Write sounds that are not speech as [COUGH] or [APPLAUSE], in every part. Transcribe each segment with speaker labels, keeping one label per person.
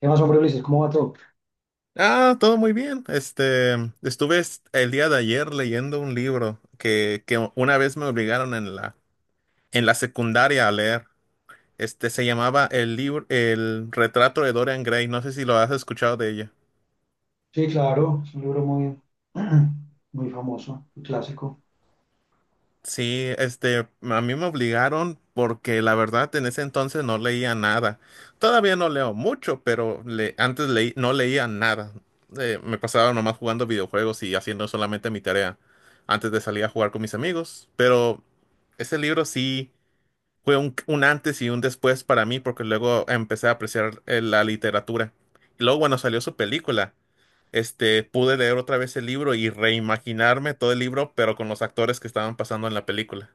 Speaker 1: ¿Qué más, hombre, Ulises? ¿Cómo va todo?
Speaker 2: Ah, todo muy bien. Estuve el día de ayer leyendo un libro que una vez me obligaron en en la secundaria a leer. Se llamaba el libro, El retrato de Dorian Gray. No sé si lo has escuchado de ella.
Speaker 1: Sí, claro, es un libro muy, [CLEARS THROAT] muy famoso, un clásico.
Speaker 2: Sí, a mí me obligaron porque la verdad en ese entonces no leía nada. Todavía no leo mucho, pero antes leí, no leía nada. Me pasaba nomás jugando videojuegos y haciendo solamente mi tarea antes de salir a jugar con mis amigos. Pero ese libro sí fue un antes y un después para mí porque luego empecé a apreciar la literatura. Y luego, bueno, salió su película. Pude leer otra vez el libro y reimaginarme todo el libro, pero con los actores que estaban pasando en la película.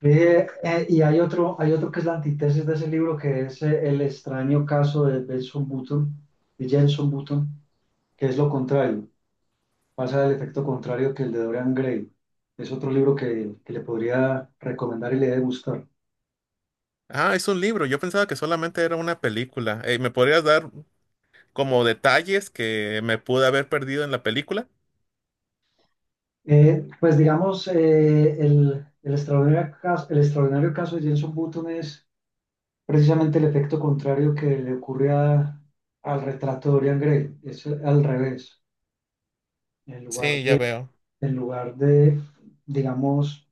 Speaker 1: Y hay otro que es la antítesis de ese libro, que es El extraño caso de Benson Button, de Jenson Button, que es lo contrario, pasa el efecto contrario que el de Dorian Gray. Es otro libro que le podría recomendar y le debe gustar.
Speaker 2: Ah, es un libro. Yo pensaba que solamente era una película. ¿Me podrías dar como detalles que me pude haber perdido en la película?
Speaker 1: Pues digamos, el extraordinario caso de Jenson Button es precisamente el efecto contrario que le ocurre a- al retrato de Dorian Gray, es al revés. En lugar
Speaker 2: Sí, ya
Speaker 1: de,
Speaker 2: veo,
Speaker 1: en lugar de, digamos,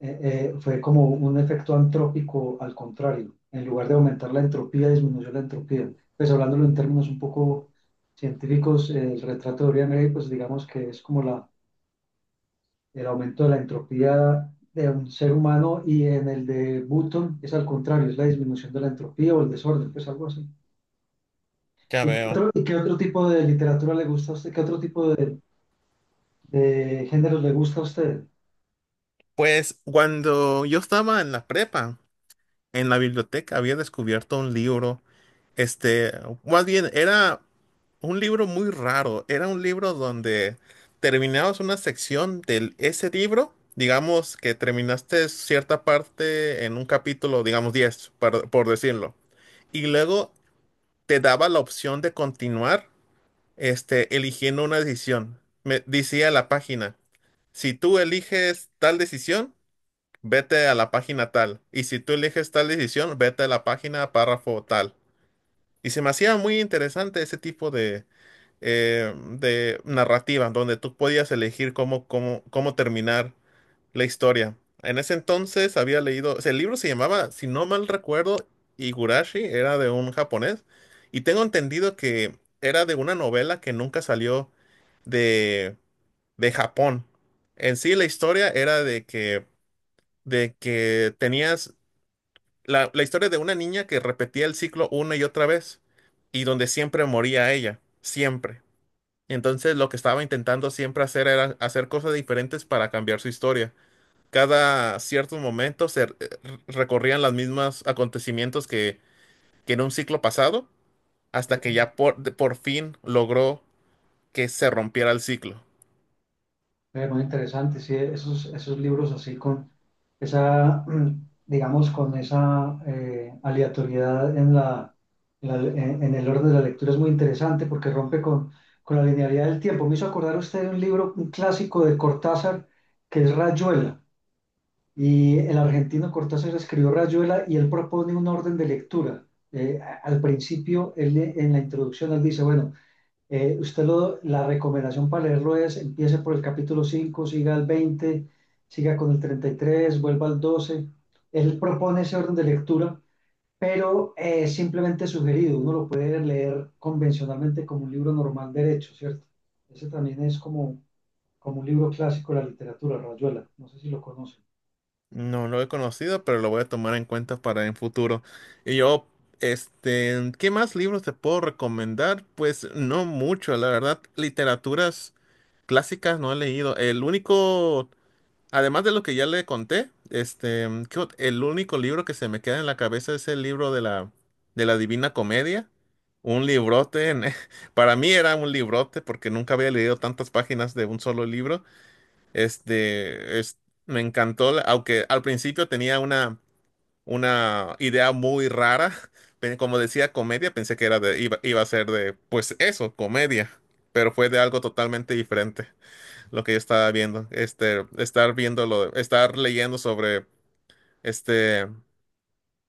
Speaker 1: fue como un efecto antrópico al contrario. En lugar de aumentar la entropía, disminuyó la entropía. Pues hablándolo en términos un poco científicos, el retrato de Dorian Gray, pues digamos que es como el aumento de la entropía de un ser humano y en el de Button es al contrario, es la disminución de la entropía o el desorden, pues algo así.
Speaker 2: ya veo.
Speaker 1: Y qué otro tipo de literatura le gusta a usted? ¿Qué otro tipo de géneros le gusta a usted?
Speaker 2: Pues cuando yo estaba en la prepa, en la biblioteca había descubierto un libro, este, más bien era un libro muy raro. Era un libro donde terminabas una sección de ese libro, digamos que terminaste cierta parte en un capítulo, digamos 10, por decirlo. Y luego te daba la opción de continuar, eligiendo una decisión. Me decía la página, si tú eliges tal decisión, vete a la página tal. Y si tú eliges tal decisión, vete a la página párrafo tal. Y se me hacía muy interesante ese tipo de narrativa, donde tú podías elegir cómo terminar la historia. En ese entonces había leído, o sea, el libro se llamaba, si no mal recuerdo, Higurashi, era de un japonés, y tengo entendido que era de una novela que nunca salió de, de Japón. En sí, la historia era de que tenías la historia de una niña que repetía el ciclo una y otra vez, y donde siempre moría ella, siempre. Entonces, lo que estaba intentando siempre hacer era hacer cosas diferentes para cambiar su historia cada ciertos momentos recorrían los mismos acontecimientos que en un ciclo pasado, hasta que
Speaker 1: Eh,
Speaker 2: ya por fin logró que se rompiera el ciclo.
Speaker 1: Muy interesante, sí, esos, esos libros así con esa, [CLEARS THROAT] digamos, con esa aleatoriedad en en el orden de la lectura es muy interesante porque rompe con la linealidad del tiempo. Me hizo acordar usted de un libro, un clásico de Cortázar, que es Rayuela. Y el argentino Cortázar escribió Rayuela y él propone un orden de lectura. Al principio, en la introducción, él dice, bueno, usted la recomendación para leerlo es, empiece por el capítulo 5, siga al 20, siga con el 33, vuelva al 12. Él propone ese orden de lectura, pero es simplemente sugerido. Uno lo puede leer convencionalmente como un libro normal derecho, ¿cierto? Ese también es como, como un libro clásico de la literatura, Rayuela. No sé si lo conoce.
Speaker 2: No lo he conocido, pero lo voy a tomar en cuenta para en futuro. Y yo, ¿qué más libros te puedo recomendar? Pues no mucho, la verdad, literaturas clásicas no he leído. El único además de lo que ya le conté, el único libro que se me queda en la cabeza es el libro de de la Divina Comedia. Un librote, [LAUGHS] para mí era un librote porque nunca había leído tantas páginas de un solo libro. Este, es, me encantó, aunque al principio tenía una idea muy rara. [LAUGHS] Como decía comedia, pensé que era de, iba a ser de, pues eso, comedia, pero fue de algo totalmente diferente lo que yo estaba viendo. Estar leyendo sobre este,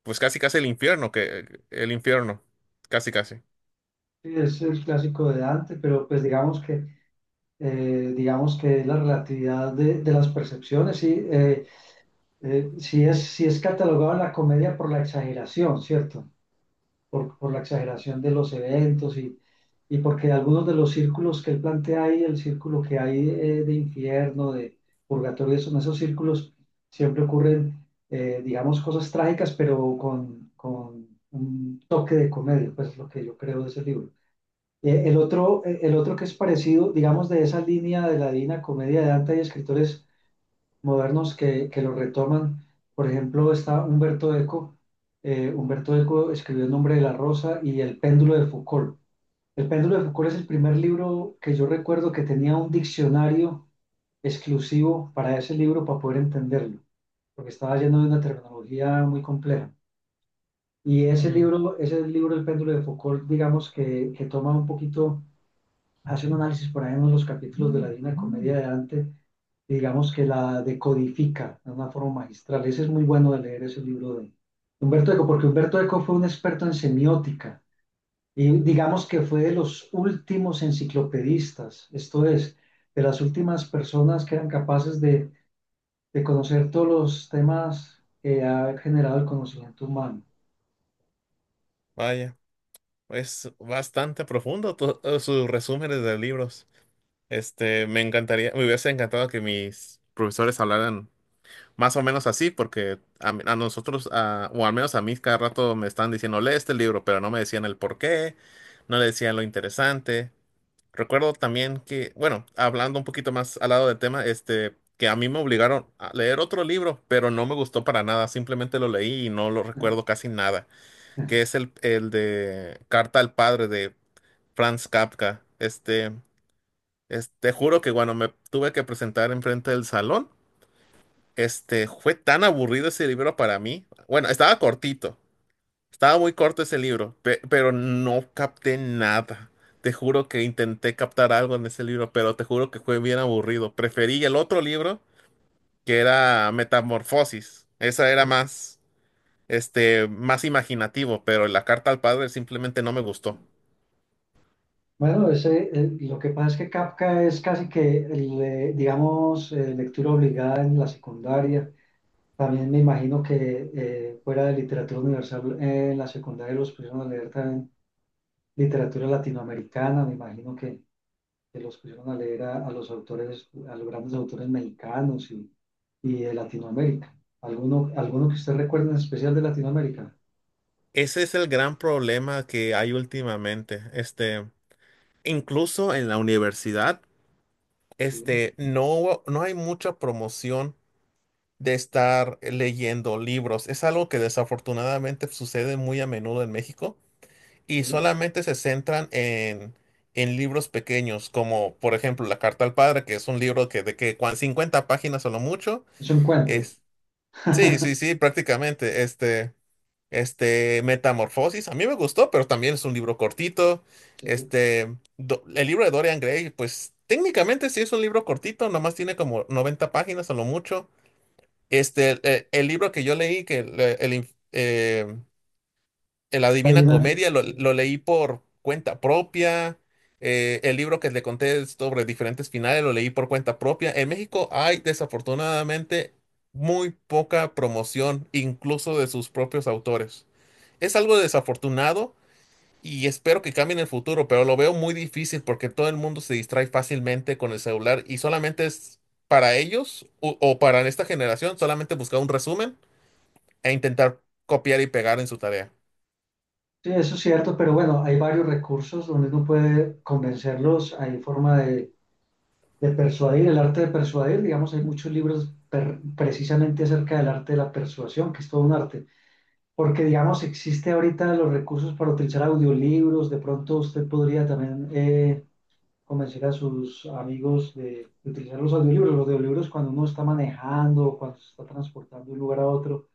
Speaker 2: pues casi casi el infierno, que el infierno, casi casi.
Speaker 1: Sí, es el clásico de Dante, pero pues digamos que es la relatividad de las percepciones, sí, sí es catalogado en la comedia por la exageración, ¿cierto? Por la exageración de los eventos y porque algunos de los círculos que él plantea ahí, el círculo que hay de infierno, de purgatorio, son esos círculos, siempre ocurren, digamos, cosas trágicas, pero con un toque de comedia, pues es lo que yo creo de ese libro. El otro que es parecido, digamos, de esa línea de la divina comedia de Dante y escritores modernos que lo retoman. Por ejemplo, está Humberto Eco. Humberto Eco escribió El nombre de la rosa y El péndulo de Foucault. El péndulo de Foucault es el primer libro que yo recuerdo que tenía un diccionario exclusivo para ese libro para poder entenderlo, porque estaba lleno de una terminología muy compleja. Y
Speaker 2: Mm,
Speaker 1: ese libro, El péndulo de Foucault, digamos que toma un poquito hace un análisis por ahí en los capítulos de la Divina Comedia de Dante, digamos que la decodifica de una forma magistral. Ese es muy bueno de leer ese libro de Humberto Eco, porque Humberto Eco fue un experto en semiótica y digamos que fue de los últimos enciclopedistas, esto es, de las últimas personas que eran capaces de conocer todos los temas que ha generado el conocimiento humano.
Speaker 2: vaya, es bastante profundo sus resúmenes de libros. Me encantaría, me hubiese encantado que mis profesores hablaran más o menos así, porque a nosotros, o al menos a mí, cada rato me están diciendo, lee este libro, pero no me decían el por qué, no le decían lo interesante. Recuerdo también que, bueno, hablando un poquito más al lado del tema, que a mí me obligaron a leer otro libro, pero no me gustó para nada, simplemente lo leí y no lo recuerdo casi nada, que es el de Carta al Padre de Franz Kafka. Este, juro que cuando me tuve que presentar enfrente del salón, fue tan aburrido ese libro para mí. Bueno, estaba cortito, estaba muy corto ese libro, pero no capté nada. Te juro que intenté captar algo en ese libro, pero te juro que fue bien aburrido. Preferí el otro libro, que era Metamorfosis. Esa era más, más imaginativo, pero la carta al padre simplemente no me gustó.
Speaker 1: Bueno, ese, lo que pasa es que Kafka es casi que, digamos, lectura obligada en la secundaria. También me imagino que fuera de literatura universal, en la secundaria los pusieron a leer también literatura latinoamericana. Me imagino que los pusieron a leer a los autores, a los grandes autores mexicanos y de Latinoamérica. ¿Alguno, alguno que usted recuerde en especial de Latinoamérica?
Speaker 2: Ese es el gran problema que hay últimamente. Incluso en la universidad,
Speaker 1: Sí,
Speaker 2: no hay mucha promoción de estar leyendo libros. Es algo que desafortunadamente sucede muy a menudo en México y
Speaker 1: sí.
Speaker 2: solamente se centran en libros pequeños, como por ejemplo La Carta al Padre, que es un libro que de 50 páginas o lo mucho.
Speaker 1: Es un cuento.
Speaker 2: Es, sí, sí,
Speaker 1: [LAUGHS]
Speaker 2: sí, prácticamente. Este, Metamorfosis, a mí me gustó, pero también es un libro cortito.
Speaker 1: Sí.
Speaker 2: El libro de Dorian Gray, pues técnicamente sí es un libro cortito, nomás tiene como 90 páginas a lo mucho. Libro que yo leí, que el inf- el
Speaker 1: Hay
Speaker 2: Adivina
Speaker 1: una-
Speaker 2: Comedia,
Speaker 1: sí.
Speaker 2: lo leí por cuenta propia. El libro que le conté sobre diferentes finales, lo leí por cuenta propia. En México hay desafortunadamente muy poca promoción, incluso de sus propios autores. Es algo desafortunado y espero que cambie en el futuro, pero lo veo muy difícil porque todo el mundo se distrae fácilmente con el celular y solamente es para ellos o para esta generación, solamente buscar un resumen e intentar copiar y pegar en su tarea.
Speaker 1: Sí, eso es cierto, pero bueno, hay varios recursos donde uno puede convencerlos, hay forma de persuadir, el arte de persuadir, digamos, hay muchos libros per- precisamente acerca del arte de la persuasión, que es todo un arte, porque digamos, existe ahorita los recursos para utilizar audiolibros, de pronto usted podría también convencer a sus amigos de utilizar los audiolibros cuando uno está manejando, cuando se está transportando de un lugar a otro,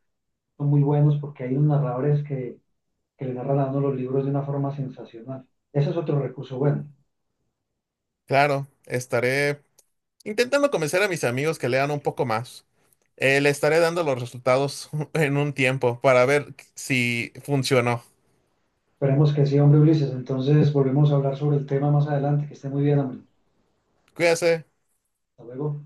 Speaker 1: son muy buenos porque hay unos narradores que le narra a uno los libros de una forma sensacional. Ese es otro recurso bueno.
Speaker 2: Claro, estaré intentando convencer a mis amigos que lean un poco más. Le estaré dando los resultados [LAUGHS] en un tiempo para ver si funcionó.
Speaker 1: Esperemos que sí, hombre Ulises. Entonces volvemos a hablar sobre el tema más adelante. Que esté muy bien, hombre.
Speaker 2: Cuídese.
Speaker 1: Hasta luego.